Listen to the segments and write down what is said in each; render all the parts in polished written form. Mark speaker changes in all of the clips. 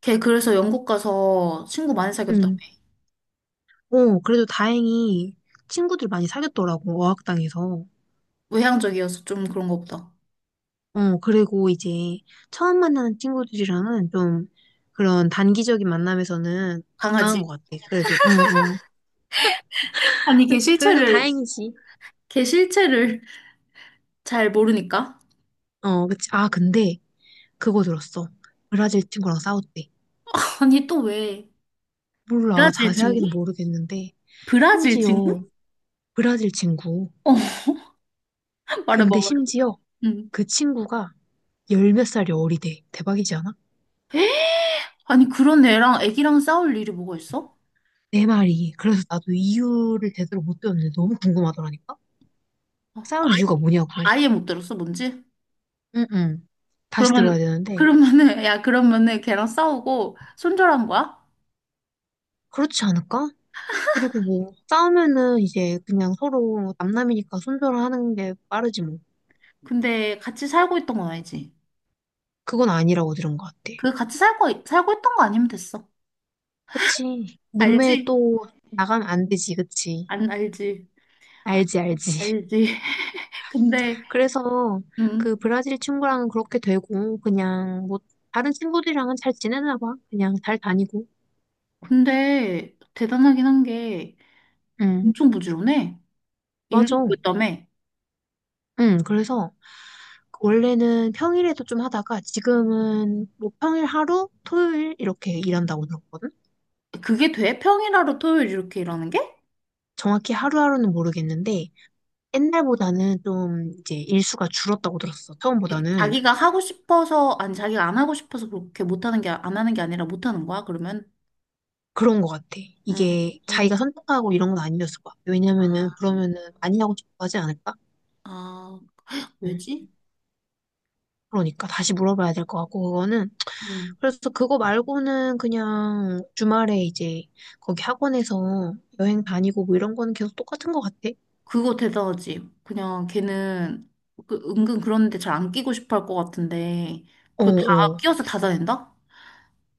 Speaker 1: 걔 그래서 영국 가서 친구 많이 사귀었다며.
Speaker 2: 응. 어, 그래도 다행히 친구들 많이 사귀었더라고, 어학당에서.
Speaker 1: 외향적이어서 좀 그런 거 보다.
Speaker 2: 어, 그리고 이제 처음 만나는 친구들이랑은 좀 그런 단기적인 만남에서는 강한 것
Speaker 1: 강아지.
Speaker 2: 같아, 그래도. 응, 응.
Speaker 1: 아니, 걔
Speaker 2: 그래도
Speaker 1: 실체를,
Speaker 2: 다행이지.
Speaker 1: 걔 실체를 잘 모르니까.
Speaker 2: 어, 그치. 아, 근데 그거 들었어. 브라질 친구랑 싸웠대.
Speaker 1: 아니, 또 왜?
Speaker 2: 몰라,
Speaker 1: 브라질 친구?
Speaker 2: 자세하게는 모르겠는데.
Speaker 1: 브라질 친구?
Speaker 2: 심지어 브라질 친구.
Speaker 1: 어, 말해봐,
Speaker 2: 근데
Speaker 1: 말해봐.
Speaker 2: 심지어
Speaker 1: 응.
Speaker 2: 그 친구가 열몇 살이 어리대. 대박이지 않아?
Speaker 1: 에? 아니, 그런 애랑 애기랑 싸울 일이 뭐가 있어?
Speaker 2: 내 말이. 그래서 나도 이유를 제대로 못 들었는데 너무 궁금하더라니까?
Speaker 1: 아,
Speaker 2: 싸울
Speaker 1: 아예,
Speaker 2: 이유가 뭐냐고.
Speaker 1: 아예 못 들었어, 뭔지?
Speaker 2: 응응. 다시
Speaker 1: 그러면,
Speaker 2: 들어야 되는데.
Speaker 1: 그러면은, 야, 그러면은 걔랑 싸우고 손절한 거야?
Speaker 2: 그렇지 않을까? 그리고 뭐, 싸우면은 이제 그냥 서로 남남이니까 손절하는 게 빠르지 뭐.
Speaker 1: 근데 같이 살고 있던 건 아니지.
Speaker 2: 그건 아니라고 들은 것 같아.
Speaker 1: 그 같이 살고 있던 거 아니면 됐어.
Speaker 2: 그치. 문매
Speaker 1: 알지?
Speaker 2: 또 나가면 안 되지, 그치.
Speaker 1: 안 알지? 아,
Speaker 2: 알지, 알지.
Speaker 1: 알지? 근데
Speaker 2: 그래서
Speaker 1: 음
Speaker 2: 그 브라질 친구랑은 그렇게 되고, 그냥 뭐, 다른 친구들이랑은 잘 지내나 봐. 그냥 잘 다니고.
Speaker 1: 근데 대단하긴 한 게
Speaker 2: 응.
Speaker 1: 엄청 부지런해.
Speaker 2: 맞아.
Speaker 1: 일도 있다며.
Speaker 2: 응, 그래서 원래는 평일에도 좀 하다가 지금은 뭐 평일 하루, 토요일 이렇게 일한다고 들었거든?
Speaker 1: 그게 돼? 평일하루 토요일 이렇게 일하는 게?
Speaker 2: 정확히 하루하루는 모르겠는데 옛날보다는 좀 이제 일수가 줄었다고 들었어. 처음보다는.
Speaker 1: 자기가 하고 싶어서 아니 자기가 안 하고 싶어서 그렇게 못하는 게 안 하는 게 아니라 못하는 거야 그러면?
Speaker 2: 그런 것 같아.
Speaker 1: 음,
Speaker 2: 이게
Speaker 1: 음,
Speaker 2: 자기가 선택하고 이런 건 아니었을 것 같아. 왜냐면은
Speaker 1: 아,
Speaker 2: 그러면은 많이 하고 싶어 하지 않을까?
Speaker 1: 아
Speaker 2: 응.
Speaker 1: 왜지?
Speaker 2: 그러니까 다시 물어봐야 될 것 같고 그거는.
Speaker 1: 음
Speaker 2: 그래서 그거 말고는 그냥 주말에 이제 거기 학원에서 여행 다니고 뭐 이런 거는 계속 똑같은 것 같아.
Speaker 1: 그거 대단하지. 그냥 걔는 그 은근 그런데 잘 안 끼고 싶어 할 것 같은데 그거 다
Speaker 2: 어어.
Speaker 1: 끼워서 다 다닌다?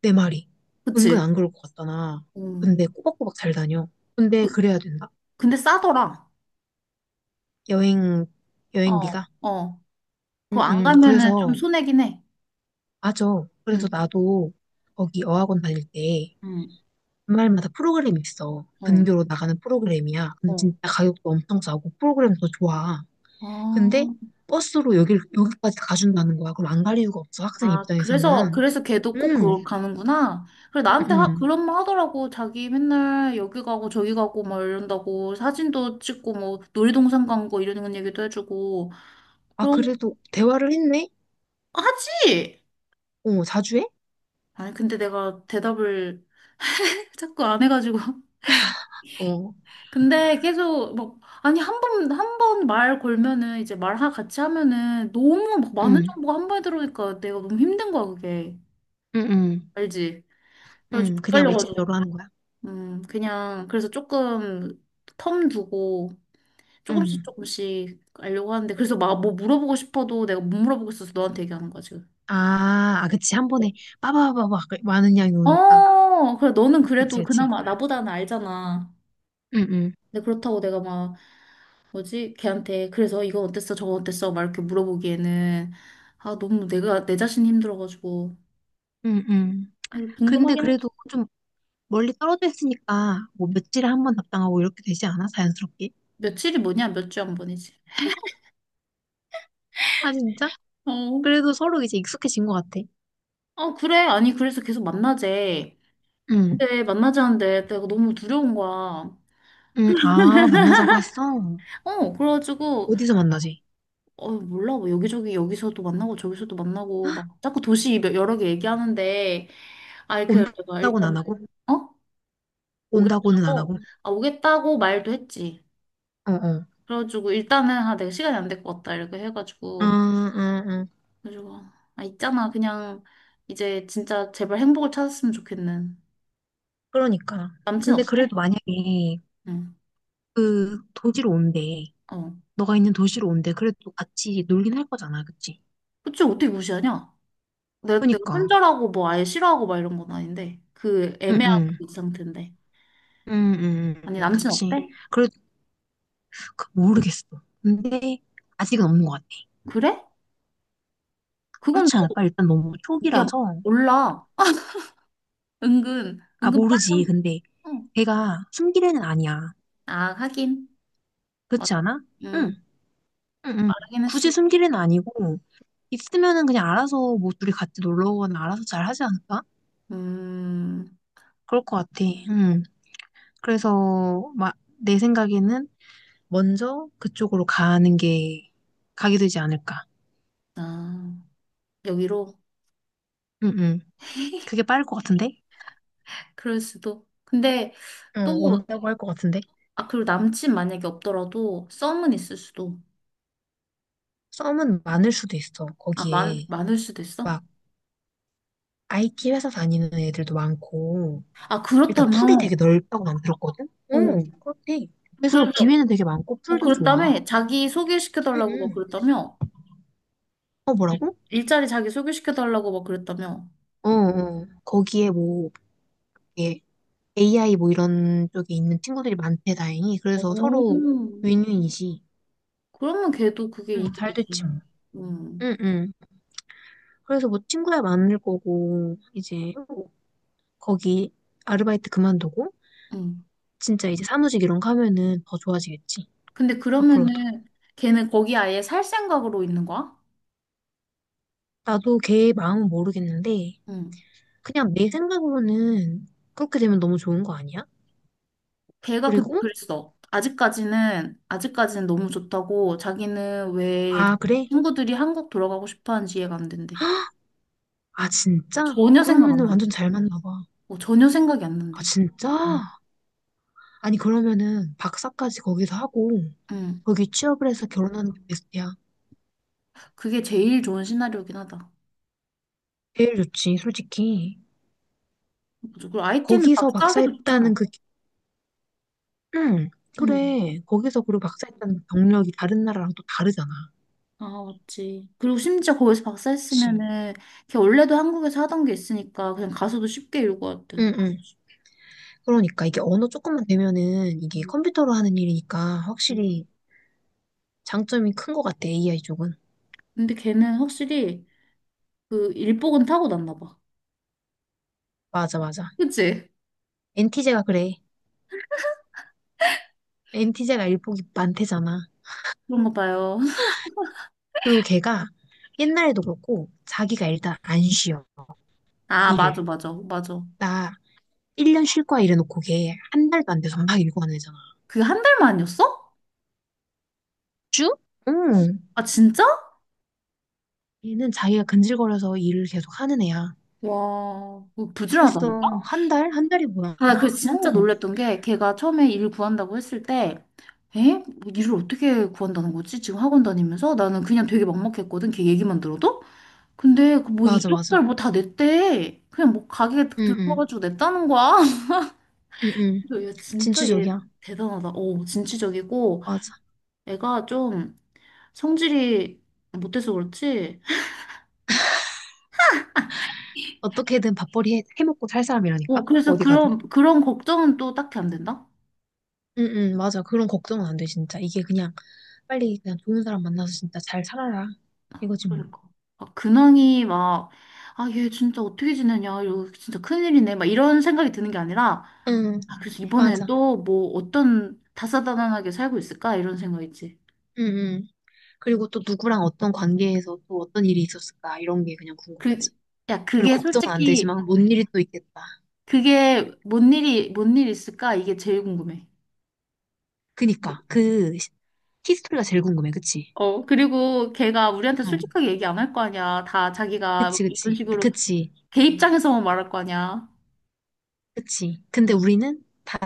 Speaker 2: 내 말이. 은근
Speaker 1: 그치?
Speaker 2: 안 그럴 것 같잖아.
Speaker 1: 음.
Speaker 2: 근데 꼬박꼬박 잘 다녀. 근데
Speaker 1: 그,
Speaker 2: 그래야 된다.
Speaker 1: 근데 싸더라.
Speaker 2: 여행,
Speaker 1: 어,
Speaker 2: 여행비가.
Speaker 1: 어.
Speaker 2: 응,
Speaker 1: 그거 안
Speaker 2: 응.
Speaker 1: 가면은 좀
Speaker 2: 그래서,
Speaker 1: 손해긴 해.
Speaker 2: 맞아. 그래서
Speaker 1: 응,
Speaker 2: 나도 거기 어학원 다닐 때
Speaker 1: 응,
Speaker 2: 주말마다 프로그램이 있어.
Speaker 1: 어,
Speaker 2: 근교로 나가는 프로그램이야. 근데
Speaker 1: 어.
Speaker 2: 진짜 가격도 엄청 싸고 프로그램도 좋아.
Speaker 1: 아,
Speaker 2: 근데 버스로 여기, 여기까지 가준다는 거야. 그럼 안 갈 이유가 없어. 학생
Speaker 1: 아, 그래서,
Speaker 2: 입장에서는.
Speaker 1: 그래서 걔도 꼭 그걸
Speaker 2: 응,
Speaker 1: 가는구나. 그래,
Speaker 2: 응,
Speaker 1: 나한테 하,
Speaker 2: 응.
Speaker 1: 그런 말 하더라고. 자기 맨날 여기 가고 저기 가고 막 이런다고. 사진도 찍고 뭐 놀이동산 간 거 이런 얘기도 해주고.
Speaker 2: 아,
Speaker 1: 그러,
Speaker 2: 그래도 대화를 했네?
Speaker 1: 하지!
Speaker 2: 어, 자주 해?
Speaker 1: 아니, 근데 내가 대답을 자꾸 안 해가지고.
Speaker 2: 어,
Speaker 1: 근데 계속 막 아니 한 번 말 걸면은 이제 같이 하면은 너무 막 많은
Speaker 2: 응,
Speaker 1: 정보가 한 번에 들어오니까 내가 너무 힘든 거야 그게.
Speaker 2: 응, 응.
Speaker 1: 알지? 그래가지고
Speaker 2: 그냥
Speaker 1: 빨려가지고
Speaker 2: 메신저로 하는 거야?
Speaker 1: 그냥 그래서 조금 텀 두고 조금씩
Speaker 2: 음.
Speaker 1: 조금씩 알려고 하는데 그래서 막 뭐 물어보고 싶어도 내가 못 물어보고 있어서 너한테 얘기하는 거야 지금.
Speaker 2: 아, 아, 그치. 한 번에 빠바바바 많은 양이 오니까.
Speaker 1: 어 그래 너는
Speaker 2: 그치,
Speaker 1: 그래도
Speaker 2: 그치.
Speaker 1: 그나마 나보다는 알잖아.
Speaker 2: 응응
Speaker 1: 근데 그렇다고 내가 막 뭐지? 걔한테 그래서 이거 어땠어? 저거 어땠어? 막 이렇게 물어보기에는 아 너무 내가 내 자신이 힘들어가지고
Speaker 2: 응응 근데
Speaker 1: 궁금하긴 하지.
Speaker 2: 그래도 좀 멀리 떨어져 있으니까 뭐 며칠에 한 번 답당하고 이렇게 되지 않아? 자연스럽게?
Speaker 1: 며칠이 뭐냐? 몇 주 한 번이지.
Speaker 2: 아, 진짜?
Speaker 1: 어,
Speaker 2: 그래도 서로 이제 익숙해진 것 같아.
Speaker 1: 아 그래? 아니 그래서 계속 만나재.
Speaker 2: 응
Speaker 1: 근데 만나자는데 내가 너무 두려운 거야.
Speaker 2: 응 아, 만나자고 했어?
Speaker 1: 어 그래가지고
Speaker 2: 어디서 만나지?
Speaker 1: 어 몰라 뭐 여기저기 여기서도 만나고 저기서도 만나고
Speaker 2: 헉,
Speaker 1: 막 자꾸 여러 개 얘기하는데 아이 그 내가
Speaker 2: 온다고는 안
Speaker 1: 일단
Speaker 2: 하고?
Speaker 1: 어
Speaker 2: 온다고는 안 하고?
Speaker 1: 오겠다고 말도 했지.
Speaker 2: 어, 어.
Speaker 1: 그래가지고 일단은 아 내가 시간이 안 될 것 같다 이렇게
Speaker 2: 음,
Speaker 1: 해가지고
Speaker 2: 음, 음.
Speaker 1: 그래가지고 아 있잖아 그냥 이제 진짜 제발 행복을 찾았으면 좋겠는.
Speaker 2: 그러니까.
Speaker 1: 남친
Speaker 2: 근데
Speaker 1: 어때?
Speaker 2: 그래도 만약에
Speaker 1: 응.
Speaker 2: 그 도지로 온대.
Speaker 1: 어.
Speaker 2: 너가 있는 도시로 온대. 그래도 같이 놀긴 할 거잖아, 그치?
Speaker 1: 그치 어떻게 무시하냐? 내가
Speaker 2: 그니까.
Speaker 1: 손절하고 뭐 아예 싫어하고 막 이런 건 아닌데 그
Speaker 2: 러 응,
Speaker 1: 애매한
Speaker 2: 응.
Speaker 1: 그 상태인데.
Speaker 2: 응, 응,
Speaker 1: 아니
Speaker 2: 응,
Speaker 1: 남친
Speaker 2: 그치.
Speaker 1: 어때?
Speaker 2: 그래, 모르겠어. 근데, 아직은 없는 것 같아.
Speaker 1: 그래? 그건
Speaker 2: 그렇지 않을까? 일단 너무
Speaker 1: 또야
Speaker 2: 초기라서.
Speaker 1: 몰라 은근
Speaker 2: 아,
Speaker 1: 은근
Speaker 2: 모르지.
Speaker 1: 빨라.
Speaker 2: 근데,
Speaker 1: 어.
Speaker 2: 걔가 숨길 애는 아니야.
Speaker 1: 아 하긴.
Speaker 2: 그렇지
Speaker 1: 맞아.
Speaker 2: 않아? 응,
Speaker 1: 음
Speaker 2: 응, 응.
Speaker 1: 빠르긴
Speaker 2: 굳이
Speaker 1: 했을.
Speaker 2: 숨길 애는 아니고, 있으면은 그냥 알아서 뭐 둘이 같이 놀러 오거나 알아서 잘 하지 않을까?
Speaker 1: 음
Speaker 2: 그럴 것 같아. 응. 그래서, 막, 내 생각에는, 먼저 그쪽으로 가는 게 가게 되지 않을까.
Speaker 1: 아 여기로.
Speaker 2: 응응. 그게 빠를 것 같은데?
Speaker 1: 그럴 수도. 근데 또,
Speaker 2: 응, 온다고 할 것 같은데?
Speaker 1: 아, 그리고 남친 만약에 없더라도 썸은 있을 수도.
Speaker 2: 썸은 많을 수도 있어.
Speaker 1: 아,
Speaker 2: 거기에
Speaker 1: 많을 수도 있어?
Speaker 2: 막 IT 회사 다니는 애들도 많고
Speaker 1: 아,
Speaker 2: 일단 풀이 되게
Speaker 1: 그렇다면,
Speaker 2: 넓다고 난 들었거든?
Speaker 1: 어.
Speaker 2: 응, 그렇대. 그래서
Speaker 1: 그래서,
Speaker 2: 기회는 되게 많고
Speaker 1: 뭐,
Speaker 2: 풀도 좋아.
Speaker 1: 그랬다며? 자기 소개시켜달라고 막
Speaker 2: 응응.
Speaker 1: 그랬다며?
Speaker 2: 어, 뭐라고?
Speaker 1: 일자리 자기 소개시켜달라고 막 그랬다며?
Speaker 2: 어, 어. 거기에 뭐, 이게 AI 뭐 이런 쪽에 있는 친구들이 많대, 다행히. 그래서 서로
Speaker 1: 오.
Speaker 2: 윈윈이지.
Speaker 1: 그러면 걔도 그게
Speaker 2: 응, 잘 됐지
Speaker 1: 이득이지.
Speaker 2: 뭐.
Speaker 1: 음,
Speaker 2: 응, 응. 그래서 뭐 친구야 많을 거고, 이제 거기 아르바이트 그만두고,
Speaker 1: 음.
Speaker 2: 진짜 이제 사무직 이런 거 하면은 더 좋아지겠지.
Speaker 1: 근데
Speaker 2: 앞으로도.
Speaker 1: 그러면은 걔는 거기 아예 살 생각으로 있는 거야?
Speaker 2: 나도 걔 마음은 모르겠는데,
Speaker 1: 음.
Speaker 2: 그냥 내 생각으로는 그렇게 되면 너무 좋은 거 아니야?
Speaker 1: 걔가 근데
Speaker 2: 그리고,
Speaker 1: 그랬어. 아직까지는, 아직까지는 너무 좋다고 자기는 왜
Speaker 2: 아, 그래?
Speaker 1: 친구들이 한국 돌아가고 싶어 하는지 이해가 안 된대.
Speaker 2: 아, 진짜?
Speaker 1: 전혀 생각 안
Speaker 2: 그러면은 완전
Speaker 1: 난대.
Speaker 2: 잘 맞나 봐.
Speaker 1: 어, 전혀 생각이 안
Speaker 2: 아,
Speaker 1: 난대. 음.
Speaker 2: 진짜? 아니, 그러면은 박사까지 거기서 하고,
Speaker 1: 응.
Speaker 2: 거기 취업을 해서 결혼하는 게 베스트야.
Speaker 1: 그게 제일 좋은 시나리오긴 하다.
Speaker 2: 제일 좋지, 솔직히.
Speaker 1: 맞아. 그리고 IT는
Speaker 2: 거기서
Speaker 1: 사하기도
Speaker 2: 박사했다는
Speaker 1: 좋잖아.
Speaker 2: 그 응,
Speaker 1: 응.
Speaker 2: 그래. 거기서 그리고 박사했다는 경력이 다른 나라랑 또 다르잖아.
Speaker 1: 아, 맞지. 그리고 심지어 거기서 박사
Speaker 2: 그치.
Speaker 1: 했으면은 걔 원래도 한국에서 하던 게 있으니까 그냥 가서도 쉽게 이루고 왔든.
Speaker 2: 응, 응. 그러니까 이게 언어 조금만 되면은 이게
Speaker 1: 음,
Speaker 2: 컴퓨터로 하는 일이니까
Speaker 1: 음.
Speaker 2: 확실히 장점이 큰 것 같아, AI 쪽은.
Speaker 1: 근데 걔는 확실히 그 일복은 타고났나 봐.
Speaker 2: 맞아, 맞아.
Speaker 1: 그치?
Speaker 2: 엔티제가 그래. 엔티제가 일복이 많대잖아.
Speaker 1: 그런가 봐요.
Speaker 2: 그리고 걔가 옛날에도 그렇고 자기가 일단 안 쉬어,
Speaker 1: 아, 맞아,
Speaker 2: 일을.
Speaker 1: 맞아, 맞아.
Speaker 2: 나 1년 쉴 거야 이래놓고 걔 한 달도 안 돼서 막 일고 하는 애잖아.
Speaker 1: 그게 한 달 만이었어?
Speaker 2: 주? 응.
Speaker 1: 아, 진짜?
Speaker 2: 얘는 자기가 근질거려서 일을 계속 하는 애야.
Speaker 1: 와, 그거
Speaker 2: 그랬어.
Speaker 1: 부지런하다니까?
Speaker 2: 한 달? 한 달이 뭐야?
Speaker 1: 아, 나 그래서 진짜
Speaker 2: 응.
Speaker 1: 놀랬던 게 걔가 처음에 일 구한다고 했을 때 에? 뭐 일을 어떻게 구한다는 거지? 지금 학원 다니면서? 나는 그냥 되게 막막했거든, 걔 얘기만 들어도? 근데 그뭐
Speaker 2: 맞아, 맞아.
Speaker 1: 이력서를 뭐 다 냈대. 그냥 뭐 가게
Speaker 2: 응, 응,
Speaker 1: 들어가가지고 냈다는 거야.
Speaker 2: 응, 응.
Speaker 1: 그래서 야, 진짜 얘
Speaker 2: 진취적이야.
Speaker 1: 대단하다. 오, 진취적이고
Speaker 2: 맞아.
Speaker 1: 애가 좀 성질이 못해서 그렇지?
Speaker 2: 어떻게든 밥벌이 해, 해먹고 살
Speaker 1: 어,
Speaker 2: 사람이라니까?
Speaker 1: 그래서
Speaker 2: 어디 가든.
Speaker 1: 그런, 그런 걱정은 또 딱히 안 된다?
Speaker 2: 응, 응, 맞아. 그런 걱정은 안 돼, 진짜. 이게 그냥 빨리 그냥 좋은 사람 만나서 진짜 잘 살아라. 이거지 뭐.
Speaker 1: 그러니까. 막 근황이 막, 아, 얘 진짜 어떻게 지내냐, 이거 진짜 큰일이네, 막 이런 생각이 드는 게 아니라,
Speaker 2: 응,
Speaker 1: 아, 그래서 이번엔
Speaker 2: 맞아.
Speaker 1: 또 뭐 어떤 다사다난하게 살고 있을까? 이런 생각이지.
Speaker 2: 응, 응. 그리고 또 누구랑 어떤 관계에서 또 어떤 일이 있었을까? 이런 게 그냥
Speaker 1: 그,
Speaker 2: 궁금하지.
Speaker 1: 야,
Speaker 2: 별로
Speaker 1: 그게
Speaker 2: 걱정은 안
Speaker 1: 솔직히,
Speaker 2: 되지만 뭔 일이 또 있겠다. 응.
Speaker 1: 그게 뭔 일이, 뭔 일 있을까? 이게 제일 궁금해.
Speaker 2: 그니까. 그 히스토리가 제일 궁금해, 그치?
Speaker 1: 어, 그리고 걔가 우리한테
Speaker 2: 어.
Speaker 1: 솔직하게 얘기 안 할 거 아니야. 다 자기가
Speaker 2: 그치,
Speaker 1: 이런
Speaker 2: 그치,
Speaker 1: 식으로
Speaker 2: 그치,
Speaker 1: 걔 입장에서만 말할 거 아니야.
Speaker 2: 그치. 근데 우리는 다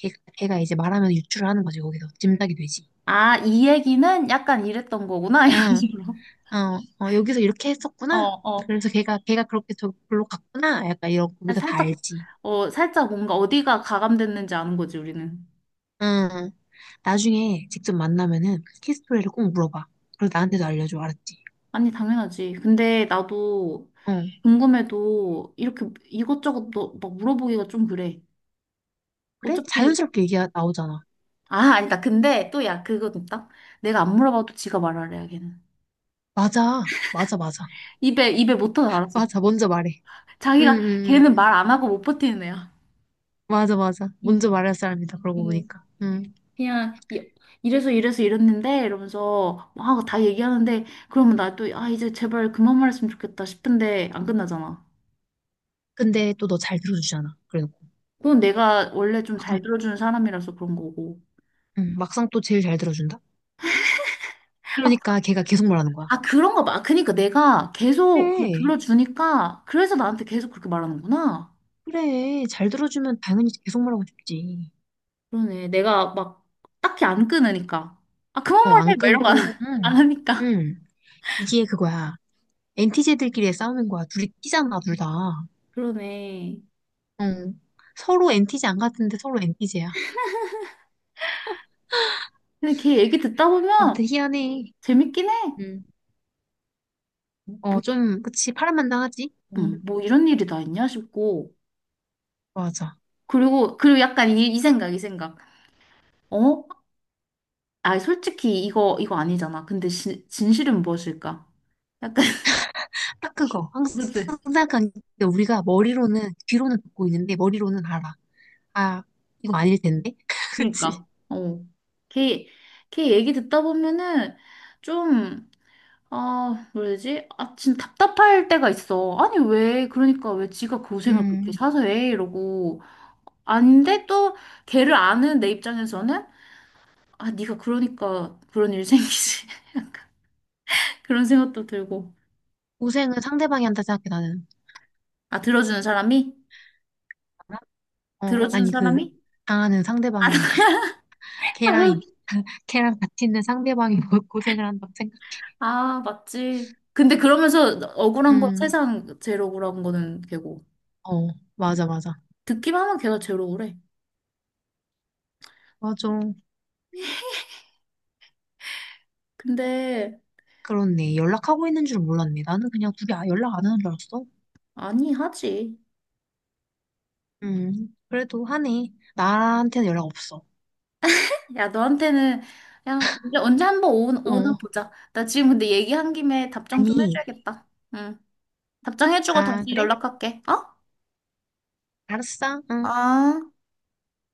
Speaker 2: 걔, 걔가 이제 말하면 유추를 하는 거지, 거기서. 짐작이 되지.
Speaker 1: 아, 이 얘기는 약간 이랬던 거구나, 이런
Speaker 2: 응,
Speaker 1: 식으로.
Speaker 2: 어, 어, 여기서 이렇게
Speaker 1: 어,
Speaker 2: 했었구나.
Speaker 1: 어.
Speaker 2: 그래서 걔가 그렇게 저기로 갔구나. 약간 이런,
Speaker 1: 아,
Speaker 2: 거기서 다
Speaker 1: 살짝,
Speaker 2: 알지.
Speaker 1: 어, 살짝 뭔가 어디가 가감됐는지 아는 거지, 우리는.
Speaker 2: 응. 나중에 직접 만나면은 키스토리를 꼭 물어봐. 그리고 나한테도 알려줘, 알았지?
Speaker 1: 아니, 당연하지. 근데 나도
Speaker 2: 어.
Speaker 1: 궁금해도 이렇게 이것저것 너, 막 물어보기가 좀 그래.
Speaker 2: 그래?
Speaker 1: 어차피,
Speaker 2: 자연스럽게 얘기 나오잖아.
Speaker 1: 아, 아니다. 근데 또 야, 그건 있다. 내가 안 물어봐도 지가 말하래, 야, 걔는.
Speaker 2: 맞아, 맞아, 맞아.
Speaker 1: 입에 못 터져, 알았어.
Speaker 2: 맞아, 먼저 말해. 응,
Speaker 1: 자기가,
Speaker 2: 응, 응.
Speaker 1: 걔는
Speaker 2: 응.
Speaker 1: 말 안 하고 못 버티는 애야.
Speaker 2: 맞아, 맞아.
Speaker 1: 응,
Speaker 2: 먼저 말할 사람이다, 그러고
Speaker 1: 응.
Speaker 2: 보니까. 응.
Speaker 1: 그냥 이- 이래서 이래서 이랬는데 이러면서 막 다 얘기하는데 그러면 나 또 아 이제 제발 그만 말했으면 좋겠다 싶은데 안 끝나잖아.
Speaker 2: 근데 또 너 잘 들어주잖아. 그래놓고.
Speaker 1: 그건 내가 원래 좀
Speaker 2: 응,
Speaker 1: 잘 들어주는 사람이라서 그런 거고.
Speaker 2: 응, 막상 또 제일 잘 들어준다?
Speaker 1: 아,
Speaker 2: 그러니까 걔가 계속 말하는 거야.
Speaker 1: 아 그런가 봐. 그러니까 내가 계속 그걸
Speaker 2: 그래,
Speaker 1: 들어주니까 그래서 나한테 계속 그렇게 말하는구나.
Speaker 2: 그래. 잘 들어주면 당연히 계속 말하고 싶지.
Speaker 1: 그러네. 내가 막 딱히 안 끊으니까. 아 그만
Speaker 2: 어,
Speaker 1: 말해.
Speaker 2: 안
Speaker 1: 막 이런 거 안
Speaker 2: 끊고,
Speaker 1: 안
Speaker 2: 응,
Speaker 1: 하니까.
Speaker 2: 응. 이게 그거야. 엔티제들끼리의 싸움인 거야. 둘이 끼잖아, 둘 다.
Speaker 1: 그러네.
Speaker 2: 응. 서로 엔티제 안 같은데 서로 엔티제야.
Speaker 1: 근데 걔 얘기 듣다
Speaker 2: 아무튼
Speaker 1: 보면
Speaker 2: 희한해.
Speaker 1: 재밌긴 해.
Speaker 2: 응.
Speaker 1: 뭐,
Speaker 2: 어, 좀, 그치. 파란만장하지? 응,
Speaker 1: 뭐 이런 일이 다 있냐 싶고.
Speaker 2: 맞아.
Speaker 1: 그리고, 그리고 약간 이, 이 생각, 이 생각. 어? 아, 솔직히 이거, 이거 아니잖아. 근데 진, 진실은 무엇일까? 약간,
Speaker 2: 딱 그거. 항상
Speaker 1: 그치?
Speaker 2: 생각한 게 우리가 머리로는, 귀로는 듣고 있는데 머리로는 알아. 아, 이거 아닐 텐데. 그치?
Speaker 1: 그러니까, 어. 걔, 걔 얘기 듣다 보면은 좀, 아, 뭐지? 아, 진짜 답답할 때가 있어. 아니, 왜, 그러니까 왜 지가 고생을 그렇게
Speaker 2: 음,
Speaker 1: 사서 해? 이러고. 아닌데 또 걔를 아는 내 입장에서는 아, 네가 그러니까 그런 일 생기지. 약간 그런 생각도 들고.
Speaker 2: 고생은 상대방이 한다 생각해, 나는.
Speaker 1: 아, 들어주는 사람이?
Speaker 2: 어,
Speaker 1: 들어주는
Speaker 2: 아니, 그,
Speaker 1: 사람이?
Speaker 2: 당하는 상대방이, 걔랑, 이- 걔랑 같이 있는 상대방이 뭐 고생을 한다고 생각.
Speaker 1: 아, 맞지. 근데 그러면서 억울한 건
Speaker 2: 음,
Speaker 1: 세상 제일 억울한 거는 걔고.
Speaker 2: 어, 맞아, 맞아.
Speaker 1: 듣기만 하면 걔가 제일 억울해.
Speaker 2: 맞아.
Speaker 1: 근데,
Speaker 2: 그렇네. 연락하고 있는 줄 몰랐네. 나는 그냥 둘이 연락 안 하는 줄 알았어.
Speaker 1: 아니, 하지.
Speaker 2: 그래도 하네. 나한테는 연락 없어.
Speaker 1: 야, 너한테는, 야, 언제, 언제 한번 오, 오나
Speaker 2: 어,
Speaker 1: 보자. 나 지금 근데 얘기한 김에 답장 좀
Speaker 2: 아니,
Speaker 1: 해줘야겠다. 응. 답장해주고
Speaker 2: 아,
Speaker 1: 다시
Speaker 2: 그래?
Speaker 1: 연락할게. 어?
Speaker 2: 알았어. 응.
Speaker 1: 아.